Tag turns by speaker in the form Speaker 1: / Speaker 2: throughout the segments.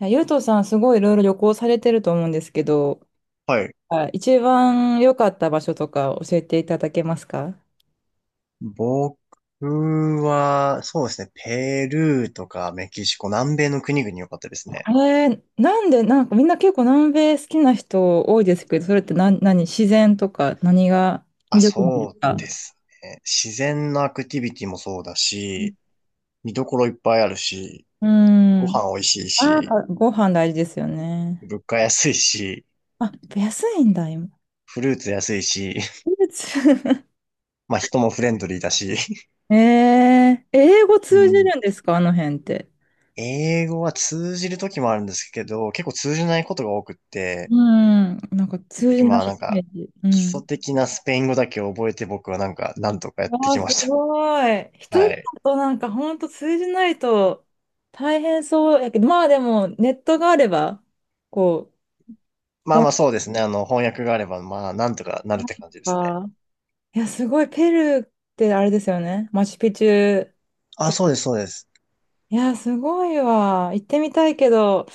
Speaker 1: いやゆうとさん、すごいいろいろ旅行されてると思うんですけど、
Speaker 2: はい。
Speaker 1: あ一番良かった場所とか教えていただけますか？
Speaker 2: 僕は、そうですね、ペルーとかメキシコ、南米の国々良かったですね。
Speaker 1: あれ、なんで、なんかみんな結構南米好きな人多いですけど、それって何、自然とか何が魅
Speaker 2: あ、
Speaker 1: 力なんで
Speaker 2: そ
Speaker 1: す
Speaker 2: う
Speaker 1: か？
Speaker 2: ですね。自然のアクティビティもそうだし、見どころいっぱいあるし、
Speaker 1: う
Speaker 2: ご
Speaker 1: ん。うん。
Speaker 2: 飯美味しい
Speaker 1: あー、やっ
Speaker 2: し、
Speaker 1: ぱご飯大事ですよね。
Speaker 2: 物価安いし、
Speaker 1: あ、安いんだ、今。
Speaker 2: フルーツ安いし、
Speaker 1: フルーツ。
Speaker 2: まあ人もフレンドリーだし。
Speaker 1: 英語
Speaker 2: う
Speaker 1: 通じ
Speaker 2: ん。
Speaker 1: るんですかあの辺って？
Speaker 2: 英語は通じる時もあるんですけど、結構通じないことが多くって、
Speaker 1: うん。なんか通じ
Speaker 2: で
Speaker 1: ない
Speaker 2: まあなん
Speaker 1: イメ
Speaker 2: か、
Speaker 1: ージ。う
Speaker 2: 基礎
Speaker 1: ん。
Speaker 2: 的なスペイン語だけ覚えて僕はなんか、なんとかやって
Speaker 1: わあ、
Speaker 2: き
Speaker 1: す
Speaker 2: ました。
Speaker 1: ごい。一人
Speaker 2: はい。
Speaker 1: だとなんかほんと通じないと大変そうやけど、まあでもネットがあれば、こう、
Speaker 2: まあ
Speaker 1: 本
Speaker 2: ま
Speaker 1: と
Speaker 2: あそうですね。あの、翻訳があれば、まあ、なんとかなるって感じですね。
Speaker 1: か、いや、すごい、ペルーってあれですよね。マチュピチュっ
Speaker 2: あ、
Speaker 1: て。
Speaker 2: そうです、そうです。
Speaker 1: いや、すごいわ。行ってみたいけど、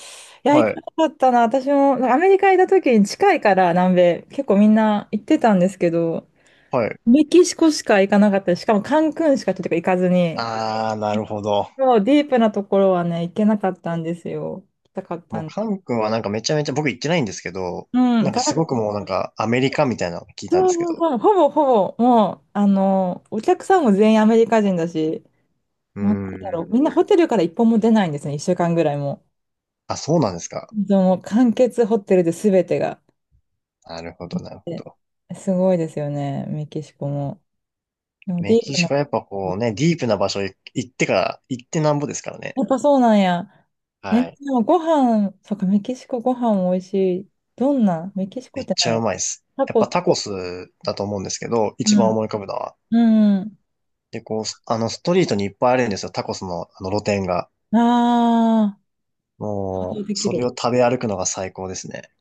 Speaker 1: いや、行
Speaker 2: は
Speaker 1: か
Speaker 2: い、
Speaker 1: なかったな。私もなんかアメリカ行った時に近いから南米、結構みんな行ってたんですけど、
Speaker 2: はい。
Speaker 1: メキシコしか行かなかったし、しかもカンクンしかちょっと行かずに、
Speaker 2: ああ、なるほど。
Speaker 1: そう、ディープなところはね、行けなかったんですよ。行きたかっ
Speaker 2: も
Speaker 1: た
Speaker 2: う、
Speaker 1: んで
Speaker 2: カン
Speaker 1: す。
Speaker 2: 君はなんかめちゃめちゃ、僕行ってないんですけど、
Speaker 1: うん、行
Speaker 2: なんか
Speaker 1: かな
Speaker 2: す
Speaker 1: かっ
Speaker 2: ごく
Speaker 1: た。
Speaker 2: もうなんかアメリカみたいなのを聞いたんで
Speaker 1: そう
Speaker 2: すけ
Speaker 1: そう
Speaker 2: ど。
Speaker 1: そう、ほぼほぼ、もう、あの、お客さんも全員アメリカ人だし、
Speaker 2: うー
Speaker 1: もうなんだろう、みん
Speaker 2: ん。
Speaker 1: なホテルから一本も出ないんですね、一週間ぐらいも。
Speaker 2: あ、そうなんですか。
Speaker 1: でも、完結ホテルで全てが。
Speaker 2: なるほど、なるほど。
Speaker 1: すごいですよね、メキシコも。でも、デ
Speaker 2: メ
Speaker 1: ィー
Speaker 2: キ
Speaker 1: プ
Speaker 2: シコ
Speaker 1: な。
Speaker 2: はやっぱこうね、ディープな場所へ行ってから、行ってなんぼですからね。
Speaker 1: やっぱそうなんや。え、
Speaker 2: は
Speaker 1: で
Speaker 2: い。
Speaker 1: もご飯、そうか、メキシコご飯も美味しい。どんなメキシコ
Speaker 2: め
Speaker 1: っ
Speaker 2: っ
Speaker 1: て
Speaker 2: ち
Speaker 1: ない
Speaker 2: ゃ
Speaker 1: や。
Speaker 2: うまいです。
Speaker 1: タ
Speaker 2: やっ
Speaker 1: コ
Speaker 2: ぱ
Speaker 1: ス。
Speaker 2: タコスだと思うんですけど、一番思い浮
Speaker 1: う
Speaker 2: かぶのは。
Speaker 1: ん。うん。
Speaker 2: で、こう、あの、ストリートにいっぱいあるんですよ。タコスの、あの、露店が。
Speaker 1: ああ。
Speaker 2: もう、
Speaker 1: でき
Speaker 2: それ
Speaker 1: る。
Speaker 2: を食べ歩くのが最高ですね。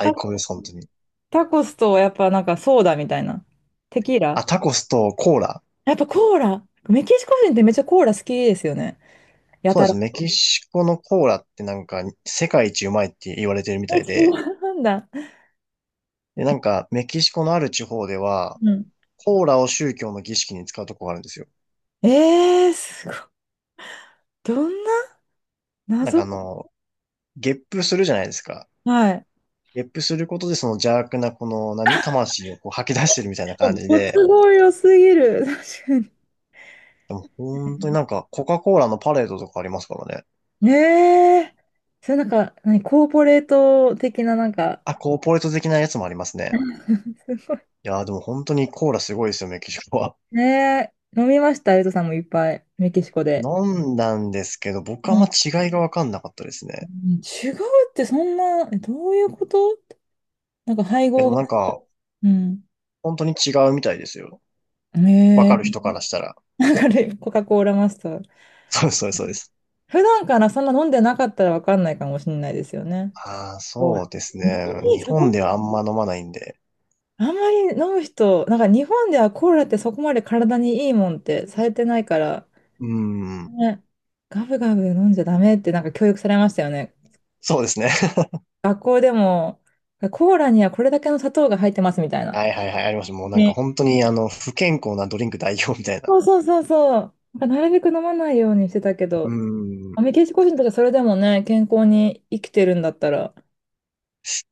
Speaker 1: タ
Speaker 2: 高で
Speaker 1: コ、
Speaker 2: す、本当に。
Speaker 1: タコスとやっぱなんかソーダみたいな。テキーラ、
Speaker 2: あ、タコスとコーラ。
Speaker 1: やっぱコーラ。メキシコ人ってめっちゃコーラ好きですよね。や
Speaker 2: そう
Speaker 1: た
Speaker 2: で
Speaker 1: ら。
Speaker 2: す。メ キシコのコーラってなんか、世界一うまいって言われてるみ
Speaker 1: え、
Speaker 2: たい
Speaker 1: 違
Speaker 2: で、
Speaker 1: うんだ。
Speaker 2: で、なんか、メキシコのある地方では、
Speaker 1: うん。
Speaker 2: コーラを宗教の儀式に使うとこがあるんですよ。
Speaker 1: すごい。どんな
Speaker 2: なん
Speaker 1: 謎。
Speaker 2: かあの、ゲップするじゃないですか。
Speaker 1: はい。
Speaker 2: ゲップすることでその邪悪なこの何、魂をこう吐き出してるみたいな感じ
Speaker 1: ご
Speaker 2: で、
Speaker 1: 都合良すぎる。確かに。
Speaker 2: でも本当になんかコカ・コーラのパレードとかありますからね。
Speaker 1: ねえ。それなんか、何、コーポレート的ななんか、
Speaker 2: あ、コーポレート的なやつもありますね。
Speaker 1: すごい。
Speaker 2: いやーでも本当にコーラすごいですよ、メキシコは。
Speaker 1: ねえ。飲みました、ゆうとさんもいっぱい。メキシコ で。
Speaker 2: 飲んだんですけど、僕はあん
Speaker 1: う
Speaker 2: ま
Speaker 1: ん。
Speaker 2: 違いがわかんなかったです
Speaker 1: う
Speaker 2: ね。
Speaker 1: ん違うってそんな、えどういうこと？なんか配
Speaker 2: いやで
Speaker 1: 合
Speaker 2: も
Speaker 1: が、
Speaker 2: なんか、
Speaker 1: うん。
Speaker 2: 本当に違うみたいですよ。わかる
Speaker 1: ね
Speaker 2: 人からしたら。
Speaker 1: え、なんかね、コカ・コーラマスター。
Speaker 2: そうそうそうです。
Speaker 1: 普段からそんな飲んでなかったらわかんないかもしれないですよね。
Speaker 2: ああ、
Speaker 1: そう、
Speaker 2: そうです
Speaker 1: 日
Speaker 2: ね。
Speaker 1: 本に
Speaker 2: 日
Speaker 1: そ
Speaker 2: 本
Speaker 1: こ、
Speaker 2: ではあんま飲まないんで。
Speaker 1: あんまり飲む人、なんか日本ではコーラってそこまで体にいいもんってされてないから、
Speaker 2: うーん。
Speaker 1: ね、ガブガブ飲んじゃダメってなんか教育されましたよね。
Speaker 2: そうですね。
Speaker 1: 学校でも、コーラにはこれだけの砂糖が入ってますみたいな。
Speaker 2: はいはいはい、ありました。もうなんか
Speaker 1: ね、
Speaker 2: 本当にあの、不健康なドリンク代表みたいな。
Speaker 1: そうそうそうそう。なんかなるべく飲まないようにしてたけ
Speaker 2: う
Speaker 1: ど、
Speaker 2: ーん。
Speaker 1: メキシコ人とかそれでもね、健康に生きてるんだったら、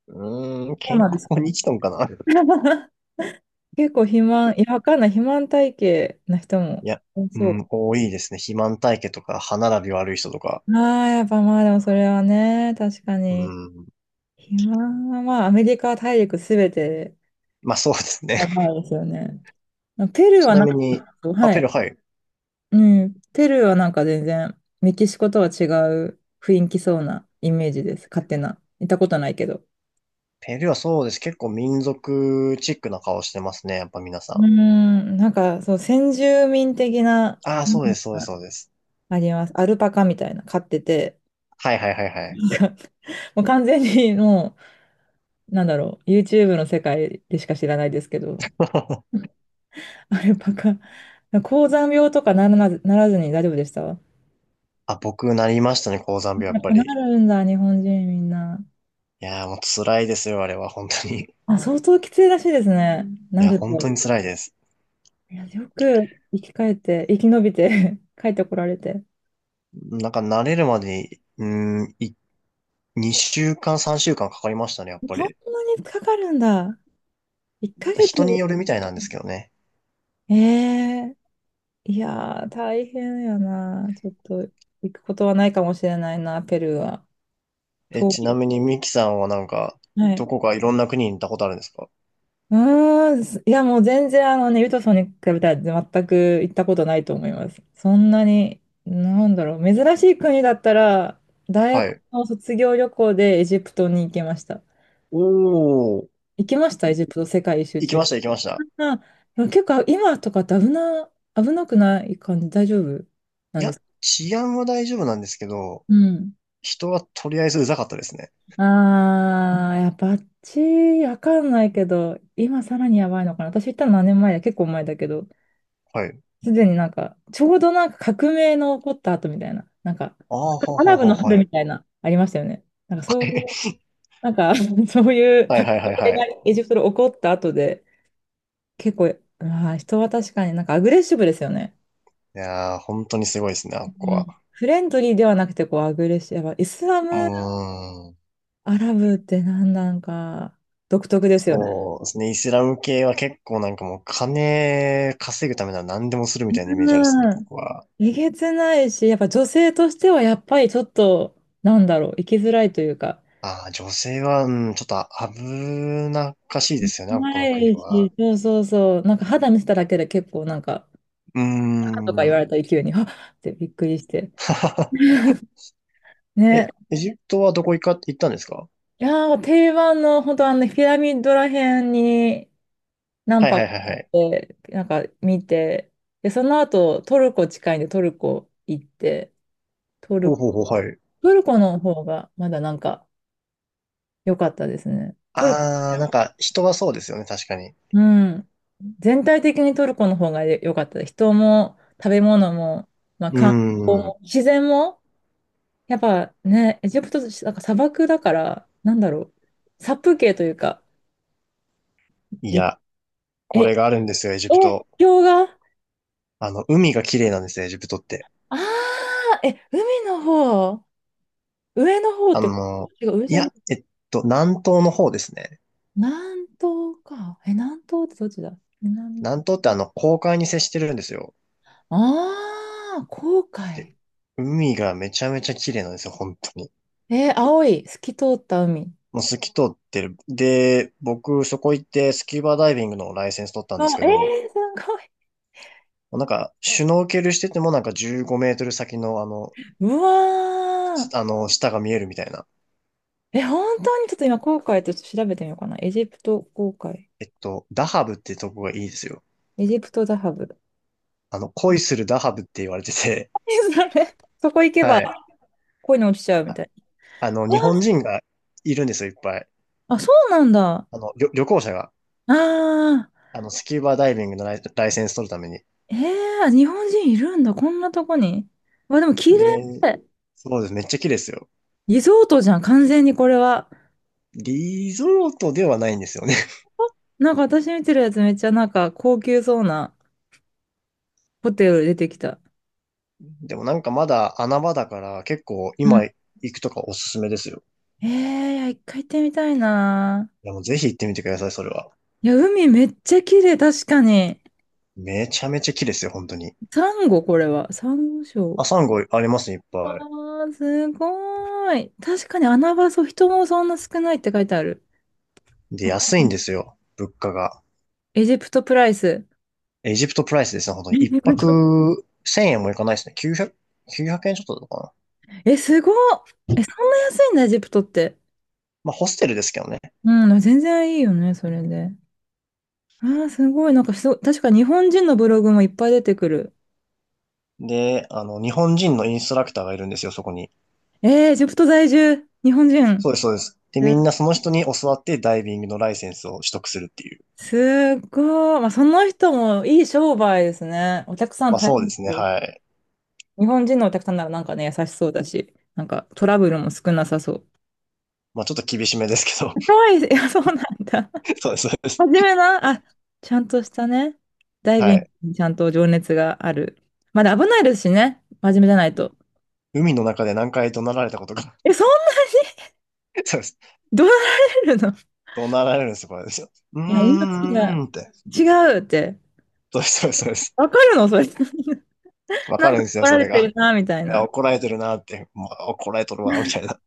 Speaker 2: うーん、
Speaker 1: そうな
Speaker 2: 健
Speaker 1: んですか
Speaker 2: 康
Speaker 1: ね。
Speaker 2: に生きとんかな。
Speaker 1: 結構肥満、いや、わかんない、肥満体型な人も
Speaker 2: いや、
Speaker 1: 多
Speaker 2: う
Speaker 1: そ
Speaker 2: ん、多いですね。肥満体型とか、歯並び悪い人とか。
Speaker 1: う。ああ、やっぱまあでもそれはね、確か
Speaker 2: う
Speaker 1: に。
Speaker 2: ん。
Speaker 1: 肥満はまあアメリカ大陸すべて
Speaker 2: まあそうですね。
Speaker 1: やば いですよね。ペルー
Speaker 2: ち
Speaker 1: は
Speaker 2: な
Speaker 1: なん
Speaker 2: み
Speaker 1: か、
Speaker 2: に、あ、
Speaker 1: は
Speaker 2: ペ
Speaker 1: い。
Speaker 2: ルー、はい。
Speaker 1: うん。ペルーはなんか全然、メキシコとは違う雰囲気そうなイメージです。勝手な。行ったことないけど。
Speaker 2: ペルーはそうです。結構民族チックな顔してますね。やっぱ皆
Speaker 1: うー
Speaker 2: さ
Speaker 1: ん、なんか、そう、先住民的な、
Speaker 2: ん。ああ、
Speaker 1: う
Speaker 2: そう
Speaker 1: ん、
Speaker 2: です、そうです、そうです。
Speaker 1: あります。アルパカみたいな、飼ってて、
Speaker 2: はいはいはいはい。
Speaker 1: なんかもう完全にもう、なんだろう、YouTube の世界でしか知らないですけど、アルパカ、高山病とかならずに大丈夫でした？
Speaker 2: あ、僕なりましたね、高山病、や
Speaker 1: や
Speaker 2: っ
Speaker 1: っ
Speaker 2: ぱ
Speaker 1: ぱな
Speaker 2: り。
Speaker 1: るんだ、日本人みんな。
Speaker 2: いやーもう辛いですよ、あれは、本当に。い
Speaker 1: あ、相当きついらしいですね、な
Speaker 2: や、
Speaker 1: る
Speaker 2: 本当
Speaker 1: と。
Speaker 2: に辛いです。
Speaker 1: いや、よく生き返って、生き延びて 帰ってこられて。
Speaker 2: なんか慣れるまでに、うん、2週間、3週間かかりましたね、やっぱ
Speaker 1: そん
Speaker 2: り。
Speaker 1: なにかかるんだ。1ヶ月。
Speaker 2: 人によるみたいなんですけどね。
Speaker 1: ええ、いやー、大変やな。ちょっと行くことはないかもしれないな、ペルーは。
Speaker 2: え、
Speaker 1: 遠
Speaker 2: ち
Speaker 1: い。
Speaker 2: なみにミキさんはなんか、
Speaker 1: は
Speaker 2: ど
Speaker 1: い。
Speaker 2: こかいろんな国に行ったことあるんですか？
Speaker 1: うーん、すいや、もう全然、あのね、ユトソンに比べたら全く行ったことないと思います。そんなに、なんだろう、珍しい国だったら、大
Speaker 2: は
Speaker 1: 学
Speaker 2: い。
Speaker 1: の卒業旅行でエジプトに行けました。
Speaker 2: おー、
Speaker 1: 行きました、エジプト世界一周
Speaker 2: 行
Speaker 1: 中
Speaker 2: き
Speaker 1: に。
Speaker 2: ました、行きました。
Speaker 1: あ、でも結構今とかって危なくない感じ、大丈夫な
Speaker 2: い
Speaker 1: んで
Speaker 2: や、
Speaker 1: すか？
Speaker 2: 治安は大丈夫なんですけど、
Speaker 1: うん。
Speaker 2: 人はとりあえずうざかったですね。
Speaker 1: あー、いや、バッチわかんないけど、今さらにやばいのかな。私行ったの何年前だ、結構前だけど、
Speaker 2: はい。
Speaker 1: すでになんか、ちょうどなんか革命の起こった後みたいな、なんか、
Speaker 2: ああ、はは
Speaker 1: アラ
Speaker 2: は
Speaker 1: ブ
Speaker 2: は、
Speaker 1: の春
Speaker 2: は
Speaker 1: み
Speaker 2: い。
Speaker 1: たいな、ありましたよね。なんかそういう、なんか、そういう
Speaker 2: はい、
Speaker 1: 革
Speaker 2: はい、はい、
Speaker 1: 命
Speaker 2: は
Speaker 1: が
Speaker 2: い。
Speaker 1: エジプトで起こった後で、結構、まあ、人は確かになんかアグレッシブですよね。
Speaker 2: いやー、本当にすごいですね、あっこ
Speaker 1: う
Speaker 2: は。
Speaker 1: ん、フレンドリーではなくて、こう、アグレッシブ。やっぱイスラ
Speaker 2: う
Speaker 1: ム、
Speaker 2: ーん。
Speaker 1: アラブってなんなんか、独特ですよね。
Speaker 2: そうですね、イスラム系は結構なんかもう金稼ぐためなら何でもするみたいなイメージあるですね、
Speaker 1: うん、
Speaker 2: 僕は。
Speaker 1: えげつないし、やっぱ女性としてはやっぱりちょっと、なんだろう、生きづらいというか、
Speaker 2: ああ、女性は、うん、ちょっと危なっかしいですよね、こ
Speaker 1: な
Speaker 2: の国
Speaker 1: い
Speaker 2: は。
Speaker 1: し、そうそうそう、なんか肌見せただけで結構なんか、
Speaker 2: うー
Speaker 1: あとか言われ
Speaker 2: ん。
Speaker 1: た勢いに、あっってびっくりして。ね。
Speaker 2: え、エジプトはどこ行ったんですか？
Speaker 1: いやー、定番の、本当あのね、ピラミッドらへんに何
Speaker 2: はいは
Speaker 1: 泊
Speaker 2: い
Speaker 1: か
Speaker 2: はい
Speaker 1: あ
Speaker 2: は
Speaker 1: っ
Speaker 2: い。
Speaker 1: て、なんか見て、で、その後、トルコ近いんでトルコ行って、トル、
Speaker 2: おほほ、はい。
Speaker 1: トルコの方がまだなんか良かったですね。トル、
Speaker 2: あー、なんか人はそうですよね、確かに。
Speaker 1: うん。全体的にトルコの方が良かったです。人も食べ物も、まあ、
Speaker 2: うー
Speaker 1: 観
Speaker 2: ん。
Speaker 1: 光自然も、やっぱね、エジプト、なんか砂漠だから、なんだろう、殺風景というか、
Speaker 2: い
Speaker 1: で、
Speaker 2: や、
Speaker 1: え、
Speaker 2: こ
Speaker 1: え、
Speaker 2: れがあるんですよ、エジプト。
Speaker 1: 氷河、
Speaker 2: あの、海が綺麗なんですよ、エジプトって。
Speaker 1: ああー、え、海の方、上の方っ
Speaker 2: あ
Speaker 1: て、
Speaker 2: の、
Speaker 1: 違う、上
Speaker 2: い
Speaker 1: じゃない、
Speaker 2: や、南東の方ですね。
Speaker 1: 南東か。え、南東ってどっちだ？南、
Speaker 2: 南東ってあの、公海に接してるんですよ。
Speaker 1: ああ、紅
Speaker 2: で、
Speaker 1: 海。
Speaker 2: 海がめちゃめちゃ綺麗なんですよ、本当に。
Speaker 1: 青い、透き通った海。
Speaker 2: もう透き通ってる。で、僕、そこ行ってスキューバダイビングのライセンス取ったん
Speaker 1: あ、
Speaker 2: ですけど、
Speaker 1: すごい。
Speaker 2: なんか、シュノーケルしててもなんか15メートル先のあの、
Speaker 1: うわー。
Speaker 2: あの、下が見えるみたいな。
Speaker 1: え、本当にちょっと今、航海と調べてみようかな。エジプト航海。
Speaker 2: ダハブってとこがいいですよ。
Speaker 1: エジプトザハブ。
Speaker 2: あの、恋するダハブって言われてて、
Speaker 1: 何それ？そこ行 けば
Speaker 2: はい。
Speaker 1: 恋に落ちちゃうみた
Speaker 2: あ
Speaker 1: い
Speaker 2: あの、
Speaker 1: な。う
Speaker 2: 日
Speaker 1: わ
Speaker 2: 本人がいるんですよ、いっぱい。
Speaker 1: あ、そうなんだ。
Speaker 2: あの、旅行者が。
Speaker 1: ああ、
Speaker 2: あの、スキューバダイビングのライセンス取るために。
Speaker 1: ええ、日本人いるんだ。こんなとこに。わ、でも綺麗。
Speaker 2: で、そうです。めっちゃ綺麗ですよ。
Speaker 1: リゾートじゃん、完全にこれは。
Speaker 2: リゾートではないんですよね。
Speaker 1: なんか私見てるやつめっちゃなんか高級そうなホテル出てきた。
Speaker 2: でもなんかまだ穴場だから結構
Speaker 1: う
Speaker 2: 今
Speaker 1: ん、
Speaker 2: 行くとかおすすめですよ。
Speaker 1: ええ、いや、一回行ってみたいな。
Speaker 2: いやもうぜひ行ってみてください、それは。
Speaker 1: いや、海めっちゃ綺麗、確かに。
Speaker 2: めちゃめちゃ綺麗ですよ、本当に。
Speaker 1: サンゴ、これは。サンゴ礁。
Speaker 2: あ、サンゴありますね、いっ
Speaker 1: わ
Speaker 2: ぱ
Speaker 1: ー、すごい。確かに穴場そう、人もそんな少ないって書いてある。
Speaker 2: い。で、
Speaker 1: わか
Speaker 2: 安いん
Speaker 1: る、
Speaker 2: ですよ、物価が。
Speaker 1: エジプトプライス。
Speaker 2: エジプトプライスですね、本当
Speaker 1: エ
Speaker 2: に。一
Speaker 1: ジプト、
Speaker 2: 泊1000円もいかないですね。900、9円ちょっとだったかな。
Speaker 1: え、すごっ。え、そんな安いんだ、エジプトって。
Speaker 2: まあ、ホステルですけどね。
Speaker 1: うん、全然いいよね、それで。あー、すごい。なんかすご、確か日本人のブログもいっぱい出てくる。
Speaker 2: で、あの、日本人のインストラクターがいるんですよ、そこに。
Speaker 1: エジプト在住、日本
Speaker 2: そ
Speaker 1: 人。
Speaker 2: うです、そうです。で、
Speaker 1: え、
Speaker 2: みんなその人に教わってダイビングのライセンスを取得するっていう。
Speaker 1: すっごい。まあ、その人もいい商売ですね。お客さん
Speaker 2: まあ、
Speaker 1: 大
Speaker 2: そう
Speaker 1: 変
Speaker 2: ですね、
Speaker 1: そう。
Speaker 2: はい。
Speaker 1: 日本人のお客さんならなんかね、優しそうだし、なんかトラブルも少なさそう。
Speaker 2: まあ、ちょっと厳しめですけど。
Speaker 1: 怖いです、いや、そうなんだ。
Speaker 2: そうです、そうで
Speaker 1: 真
Speaker 2: す。
Speaker 1: 面目な、あ、ちゃんとしたね。ダイ
Speaker 2: は
Speaker 1: ビング
Speaker 2: い。
Speaker 1: にちゃんと情熱がある。まだ危ないですしね。真面目じゃないと。
Speaker 2: 海の中で何回怒鳴られたことか。
Speaker 1: え、そんなに
Speaker 2: そうです。
Speaker 1: 怒 られるの？
Speaker 2: 怒鳴られるんですよ、これですよ。うー
Speaker 1: いや、命が
Speaker 2: んって。
Speaker 1: 違うって。
Speaker 2: そうです、そうです、そうです。
Speaker 1: わかるのそれ。
Speaker 2: わ
Speaker 1: な
Speaker 2: か
Speaker 1: ん
Speaker 2: るん
Speaker 1: か
Speaker 2: ですよ、
Speaker 1: 怒ら
Speaker 2: そ
Speaker 1: れ
Speaker 2: れ
Speaker 1: てる
Speaker 2: が。
Speaker 1: な、みたい な。
Speaker 2: あ
Speaker 1: い
Speaker 2: 怒られてるなって、まあ、怒られとるわ、みたいな。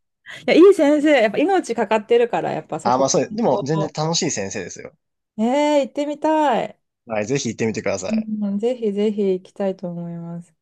Speaker 1: や、いい先生。やっぱ命かかってるから、やっぱそ
Speaker 2: あ、ま
Speaker 1: こ。
Speaker 2: あそうです。でも、全然楽しい先生ですよ。
Speaker 1: 行ってみたい。
Speaker 2: はい、ぜひ行ってみてください。
Speaker 1: うん、ぜひぜひ行きたいと思います。